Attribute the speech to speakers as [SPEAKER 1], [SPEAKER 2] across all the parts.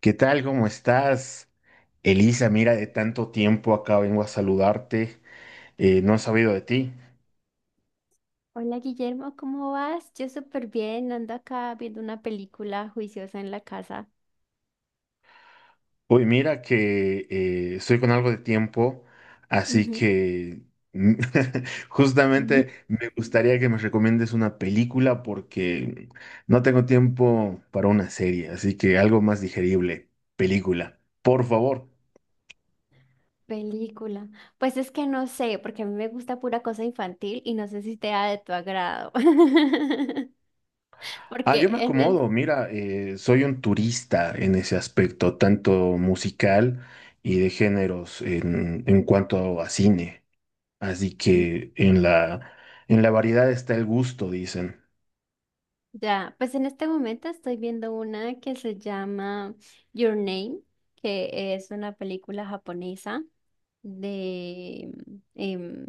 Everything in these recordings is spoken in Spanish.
[SPEAKER 1] ¿Qué tal? ¿Cómo estás? Elisa, mira, de tanto tiempo acá vengo a saludarte. No he sabido de ti.
[SPEAKER 2] Hola Guillermo, ¿cómo vas? Yo súper bien, ando acá viendo una película juiciosa en la casa.
[SPEAKER 1] Uy, mira que estoy con algo de tiempo, así
[SPEAKER 2] Ujú.
[SPEAKER 1] que mm, justamente me gustaría que me recomiendes una película porque no tengo tiempo para una serie, así que algo más digerible, película, por favor.
[SPEAKER 2] Película. Pues es que no sé, porque a mí me gusta pura cosa infantil y no sé si sea de tu agrado.
[SPEAKER 1] Ah, yo
[SPEAKER 2] Porque
[SPEAKER 1] me
[SPEAKER 2] en es-
[SPEAKER 1] acomodo, mira, soy un turista en ese aspecto, tanto musical y de géneros en cuanto a cine. Así que en la variedad está el gusto, dicen.
[SPEAKER 2] ya, pues en este momento estoy viendo una que se llama Your Name, que es una película japonesa de em,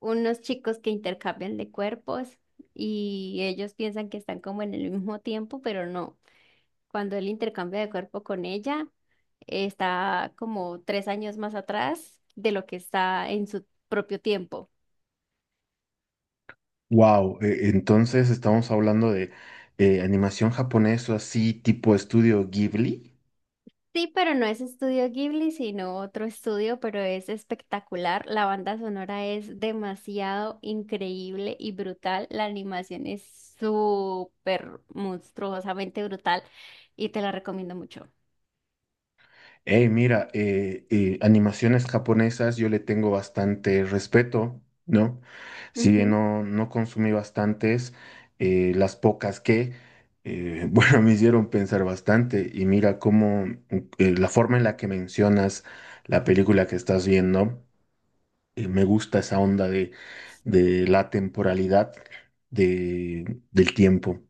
[SPEAKER 2] unos chicos que intercambian de cuerpos y ellos piensan que están como en el mismo tiempo, pero no. Cuando él intercambia de cuerpo con ella, está como tres años más atrás de lo que está en su propio tiempo.
[SPEAKER 1] Wow, entonces estamos hablando de animación japonesa así tipo estudio Ghibli.
[SPEAKER 2] Sí, pero no es Estudio Ghibli, sino otro estudio, pero es espectacular. La banda sonora es demasiado increíble y brutal. La animación es súper monstruosamente brutal y te la recomiendo mucho.
[SPEAKER 1] Hey, mira, animaciones japonesas yo le tengo bastante respeto, ¿no? Si bien
[SPEAKER 2] Ujú.
[SPEAKER 1] no consumí bastantes, las pocas bueno, me hicieron pensar bastante. Y mira cómo la forma en la que mencionas la película que estás viendo, me gusta esa onda de la temporalidad del tiempo,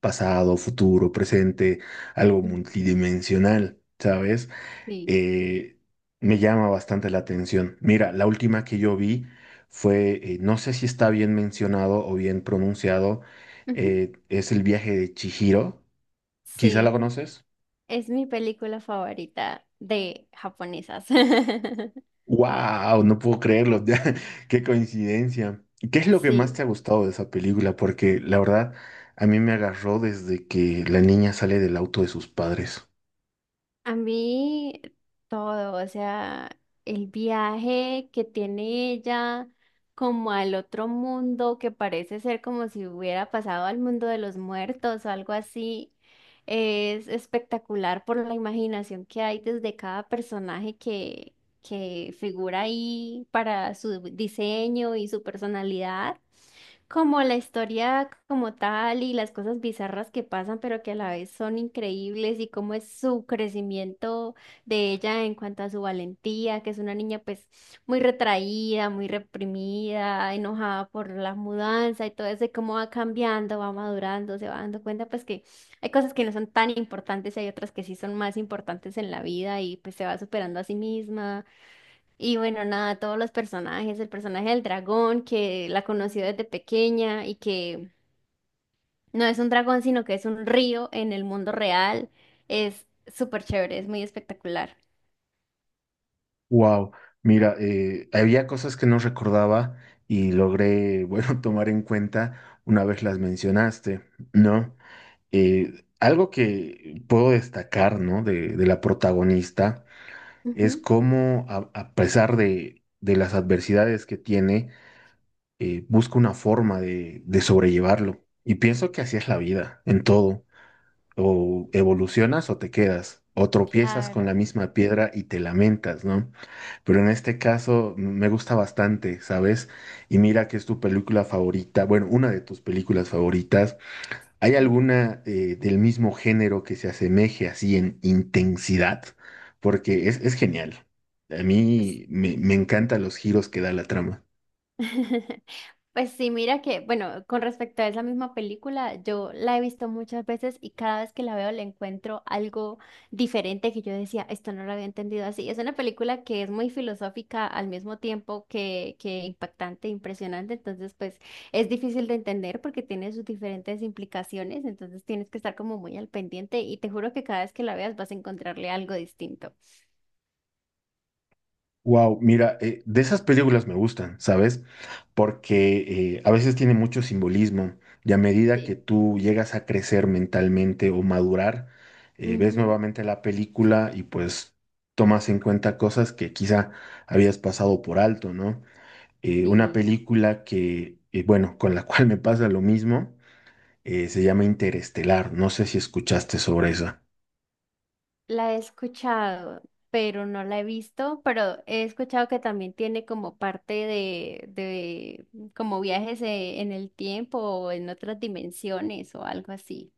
[SPEAKER 1] pasado, futuro, presente, algo
[SPEAKER 2] Ujú.
[SPEAKER 1] multidimensional, ¿sabes?
[SPEAKER 2] Sí.
[SPEAKER 1] eh, Me llama bastante la atención. Mira, la última que yo vi fue, no sé si está bien mencionado o bien pronunciado,
[SPEAKER 2] Ujú.
[SPEAKER 1] es el viaje de Chihiro. Quizá la
[SPEAKER 2] Sí,
[SPEAKER 1] conoces.
[SPEAKER 2] es mi película favorita de japonesas.
[SPEAKER 1] ¡Wow! No puedo creerlo. ¡Qué coincidencia! ¿Qué es lo que más te
[SPEAKER 2] Sí.
[SPEAKER 1] ha gustado de esa película? Porque la verdad, a mí me agarró desde que la niña sale del auto de sus padres.
[SPEAKER 2] A mí todo, o sea, el viaje que tiene ella como al otro mundo, que parece ser como si hubiera pasado al mundo de los muertos o algo así, es espectacular por la imaginación que hay desde cada personaje que figura ahí para su diseño y su personalidad, como la historia como tal y las cosas bizarras que pasan, pero que a la vez son increíbles y cómo es su crecimiento de ella en cuanto a su valentía, que es una niña pues muy retraída, muy reprimida, enojada por la mudanza y todo eso, y cómo va cambiando, va madurando, se va dando cuenta pues que hay cosas que no son tan importantes y hay otras que sí son más importantes en la vida y pues se va superando a sí misma. Y bueno, nada, todos los personajes, el personaje del dragón que la conoció desde pequeña y que no es un dragón, sino que es un río en el mundo real, es súper chévere, es muy espectacular.
[SPEAKER 1] Wow, mira, había cosas que no recordaba y logré, bueno, tomar en cuenta una vez las mencionaste, ¿no? Algo que puedo destacar, ¿no? De la protagonista es
[SPEAKER 2] Ujú.
[SPEAKER 1] cómo, a pesar de las adversidades que tiene, busca una forma de sobrellevarlo. Y pienso que así es la vida, en todo. O evolucionas o te quedas, o tropiezas con la
[SPEAKER 2] Claro.
[SPEAKER 1] misma piedra y te lamentas, ¿no? Pero en este caso me gusta bastante, ¿sabes? Y mira que es tu película favorita, bueno, una de tus películas favoritas. ¿Hay alguna del mismo género que se asemeje así en intensidad? Porque es genial. A mí
[SPEAKER 2] Mm.
[SPEAKER 1] me encantan los giros que da la trama.
[SPEAKER 2] Pues sí, mira que, bueno, con respecto a esa misma película, yo la he visto muchas veces y cada vez que la veo le encuentro algo diferente que yo decía, esto no lo había entendido así. Es una película que es muy filosófica al mismo tiempo que impactante, impresionante, entonces pues es difícil de entender porque tiene sus diferentes implicaciones, entonces tienes que estar como muy al pendiente y te juro que cada vez que la veas vas a encontrarle algo distinto.
[SPEAKER 1] Wow, mira, de esas películas me gustan, ¿sabes? Porque a veces tiene mucho simbolismo y a medida que
[SPEAKER 2] Sí.
[SPEAKER 1] tú llegas a crecer mentalmente o madurar, ves
[SPEAKER 2] Ujú.
[SPEAKER 1] nuevamente la película y pues tomas en cuenta cosas que quizá habías pasado por alto, ¿no? Una
[SPEAKER 2] Sí.
[SPEAKER 1] película bueno, con la cual me pasa lo mismo, se llama Interestelar, no sé si escuchaste sobre esa.
[SPEAKER 2] La he escuchado, pero no la he visto, pero he escuchado que también tiene como parte de como viajes en el tiempo o en otras dimensiones o algo así.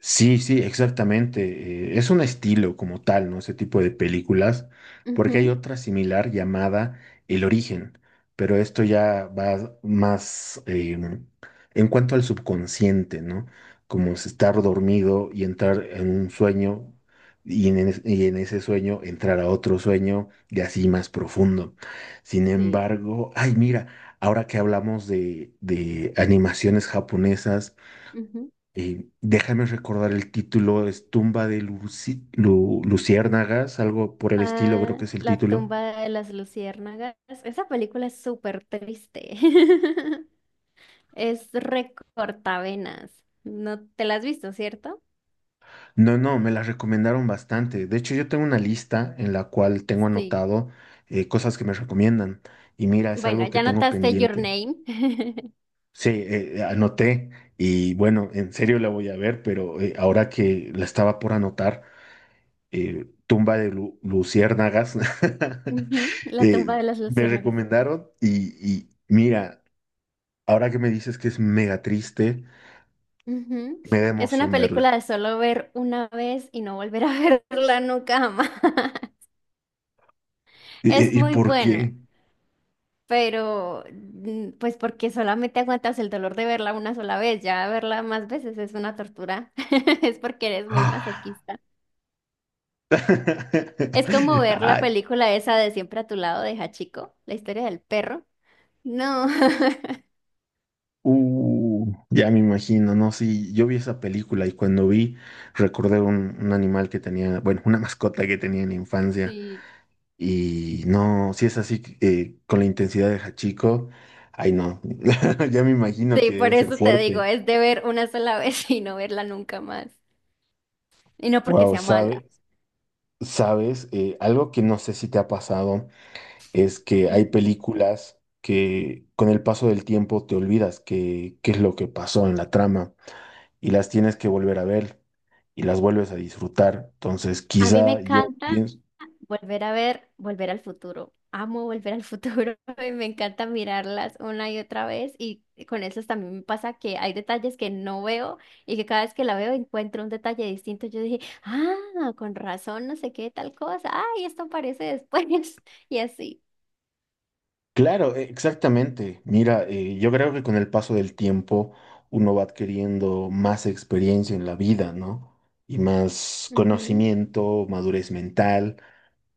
[SPEAKER 1] Sí, sí, exactamente. Es un estilo como tal, ¿no? Ese tipo de películas, porque hay
[SPEAKER 2] Ujú.
[SPEAKER 1] otra similar llamada El Origen, pero esto ya va más en cuanto al subconsciente, ¿no? Como es estar dormido y entrar en un sueño y en ese sueño entrar a otro sueño y así más profundo. Sin
[SPEAKER 2] Sí.
[SPEAKER 1] embargo, ay, mira, ahora que hablamos de animaciones japonesas,
[SPEAKER 2] Ujú.
[SPEAKER 1] déjame recordar el título, es Tumba de Luci- Lu- Luciérnagas, algo por el estilo, creo
[SPEAKER 2] Ah,
[SPEAKER 1] que es el
[SPEAKER 2] La
[SPEAKER 1] título.
[SPEAKER 2] tumba de las luciérnagas. Esa película es súper triste. Es recortavenas. No te la has visto, ¿cierto?
[SPEAKER 1] No, me las recomendaron bastante. De hecho, yo tengo una lista en la cual tengo
[SPEAKER 2] Sí.
[SPEAKER 1] anotado cosas que me recomiendan. Y mira, es
[SPEAKER 2] Bueno,
[SPEAKER 1] algo que
[SPEAKER 2] ya
[SPEAKER 1] tengo
[SPEAKER 2] notaste Your
[SPEAKER 1] pendiente.
[SPEAKER 2] Name.
[SPEAKER 1] Sí, anoté y bueno, en serio la voy a ver, pero ahora que la estaba por anotar, Luciérnagas,
[SPEAKER 2] Ujú, La
[SPEAKER 1] eh,
[SPEAKER 2] tumba de las
[SPEAKER 1] me
[SPEAKER 2] luciérnagas.
[SPEAKER 1] recomendaron y mira. Ahora que me dices que es mega triste,
[SPEAKER 2] Ujú.
[SPEAKER 1] me da
[SPEAKER 2] Es una
[SPEAKER 1] emoción verla.
[SPEAKER 2] película de solo ver una vez y no volver a verla nunca jamás.
[SPEAKER 1] ¿Y,
[SPEAKER 2] Es
[SPEAKER 1] y
[SPEAKER 2] muy
[SPEAKER 1] por
[SPEAKER 2] buena,
[SPEAKER 1] qué?
[SPEAKER 2] pero pues porque solamente aguantas el dolor de verla una sola vez, ya verla más veces es una tortura. Es porque eres muy
[SPEAKER 1] Ah.
[SPEAKER 2] masoquista. Es como ver la
[SPEAKER 1] Ay,
[SPEAKER 2] película esa de Siempre a tu lado de Hachiko, la historia del perro. No.
[SPEAKER 1] ya me imagino, ¿no? Sí, yo vi esa película y cuando vi, recordé un animal que tenía, bueno, una mascota que tenía en la infancia.
[SPEAKER 2] Sí.
[SPEAKER 1] Y no, si es así, con la intensidad de Hachiko, ay no, ya me imagino
[SPEAKER 2] Sí,
[SPEAKER 1] que
[SPEAKER 2] por
[SPEAKER 1] debe ser Sí.
[SPEAKER 2] eso te digo,
[SPEAKER 1] fuerte.
[SPEAKER 2] es de ver una sola vez y no verla nunca más. Y no porque
[SPEAKER 1] Wow,
[SPEAKER 2] sea mala.
[SPEAKER 1] ¿sabes? ¿Sabes? Algo que no sé si te ha pasado. Es que hay
[SPEAKER 2] Mm.
[SPEAKER 1] películas que con el paso del tiempo te olvidas qué es lo que pasó en la trama y las tienes que volver a ver y las vuelves a disfrutar. Entonces,
[SPEAKER 2] A mí me
[SPEAKER 1] quizá yo
[SPEAKER 2] encanta
[SPEAKER 1] pienso,
[SPEAKER 2] volver a ver Volver al Futuro. Amo Volver al Futuro y me encanta mirarlas una y otra vez. Y con esas también me pasa que hay detalles que no veo y que cada vez que la veo encuentro un detalle distinto. Yo dije, ah, con razón, no sé qué, tal cosa. Ay, esto aparece después. Y así.
[SPEAKER 1] claro, exactamente. Mira, yo creo que con el paso del tiempo uno va adquiriendo más experiencia en la vida, ¿no? Y más
[SPEAKER 2] Ujú.
[SPEAKER 1] conocimiento, madurez mental.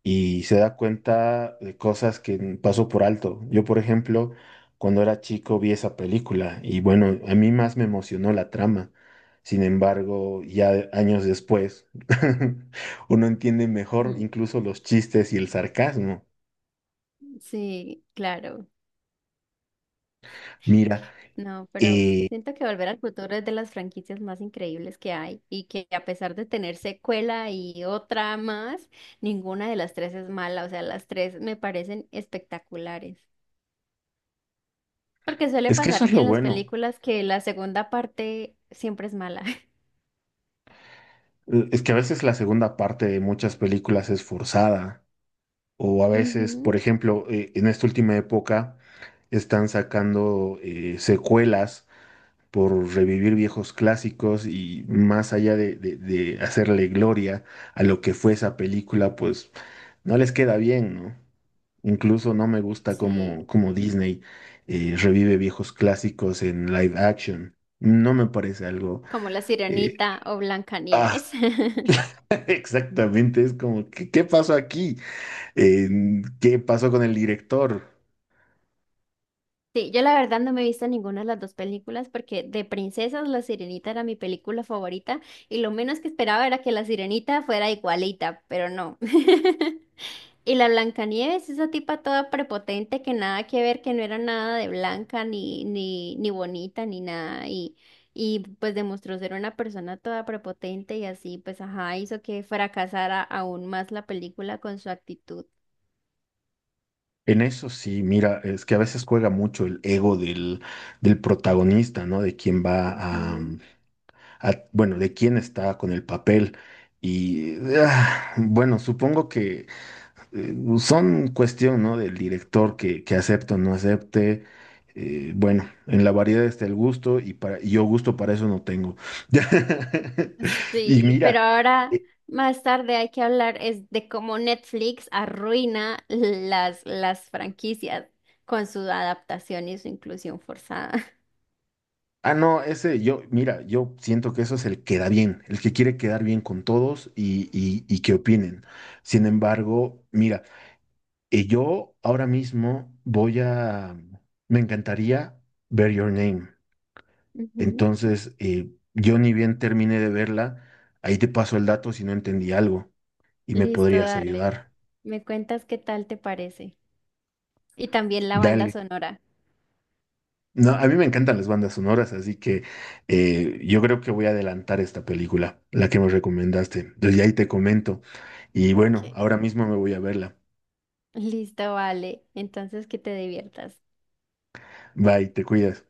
[SPEAKER 1] Y se da cuenta de cosas que pasó por alto. Yo, por ejemplo, cuando era chico vi esa película y bueno, a mí más me emocionó la trama. Sin embargo, ya años después, uno entiende mejor
[SPEAKER 2] Mm.
[SPEAKER 1] incluso los chistes y el sarcasmo.
[SPEAKER 2] Sí, claro.
[SPEAKER 1] Mira,
[SPEAKER 2] No, pero
[SPEAKER 1] eh,
[SPEAKER 2] siento que Volver al Futuro es de las franquicias más increíbles que hay y que a pesar de tener secuela y otra más, ninguna de las tres es mala. O sea, las tres me parecen espectaculares. Porque suele
[SPEAKER 1] es que eso
[SPEAKER 2] pasar
[SPEAKER 1] es lo
[SPEAKER 2] en las
[SPEAKER 1] bueno.
[SPEAKER 2] películas que la segunda parte siempre es mala.
[SPEAKER 1] Es que a veces la segunda parte de muchas películas es forzada. O a veces,
[SPEAKER 2] Ujú.
[SPEAKER 1] por ejemplo, en esta última época están sacando secuelas por revivir viejos clásicos y más allá de hacerle gloria a lo que fue esa película, pues no les queda bien, ¿no? Incluso no me gusta
[SPEAKER 2] Sí,
[SPEAKER 1] cómo Disney revive viejos clásicos en live action. No me parece algo...
[SPEAKER 2] como La
[SPEAKER 1] eh,
[SPEAKER 2] Sirenita o
[SPEAKER 1] ah,
[SPEAKER 2] Blancanieves.
[SPEAKER 1] exactamente, es como, qué pasó aquí? Eh, ¿Qué pasó con el director?
[SPEAKER 2] Sí, yo la verdad no me he visto ninguna de las dos películas porque de princesas La Sirenita era mi película favorita y lo menos que esperaba era que La Sirenita fuera igualita, pero no. Y la Blancanieves, esa tipa toda prepotente que nada que ver, que no era nada de blanca ni bonita ni nada, y pues demostró ser una persona toda prepotente y así pues ajá, hizo que fracasara aún más la película con su actitud.
[SPEAKER 1] En eso sí, mira, es que a veces juega mucho el ego del protagonista, ¿no? De quien va a,
[SPEAKER 2] Ujú.
[SPEAKER 1] bueno, de quién está con el papel. Y ah, bueno, supongo que son cuestión, ¿no? Del director que acepte o no acepte. Bueno, en la variedad está el gusto y yo gusto para eso no tengo. Y
[SPEAKER 2] Sí,
[SPEAKER 1] mira,
[SPEAKER 2] pero ahora
[SPEAKER 1] eh,
[SPEAKER 2] más tarde hay que hablar es de cómo Netflix arruina las franquicias con su adaptación y su inclusión forzada.
[SPEAKER 1] no, ese yo, mira, yo siento que eso es el que da bien, el que quiere quedar bien con todos y que opinen. Sin embargo, mira. Y yo ahora mismo me encantaría ver Your Name.
[SPEAKER 2] Ujú.
[SPEAKER 1] Entonces, yo ni bien terminé de verla, ahí te paso el dato si no entendí algo y me
[SPEAKER 2] Listo,
[SPEAKER 1] podrías
[SPEAKER 2] dale.
[SPEAKER 1] ayudar.
[SPEAKER 2] Me cuentas qué tal te parece. Y también la banda
[SPEAKER 1] Dale.
[SPEAKER 2] sonora.
[SPEAKER 1] No, a mí me encantan las bandas sonoras, así que yo creo que voy a adelantar esta película, la que me recomendaste. Entonces, ya ahí te comento. Y bueno,
[SPEAKER 2] Ok.
[SPEAKER 1] ahora mismo me voy a verla.
[SPEAKER 2] Listo, vale. Entonces que te diviertas.
[SPEAKER 1] Bye, te cuidas.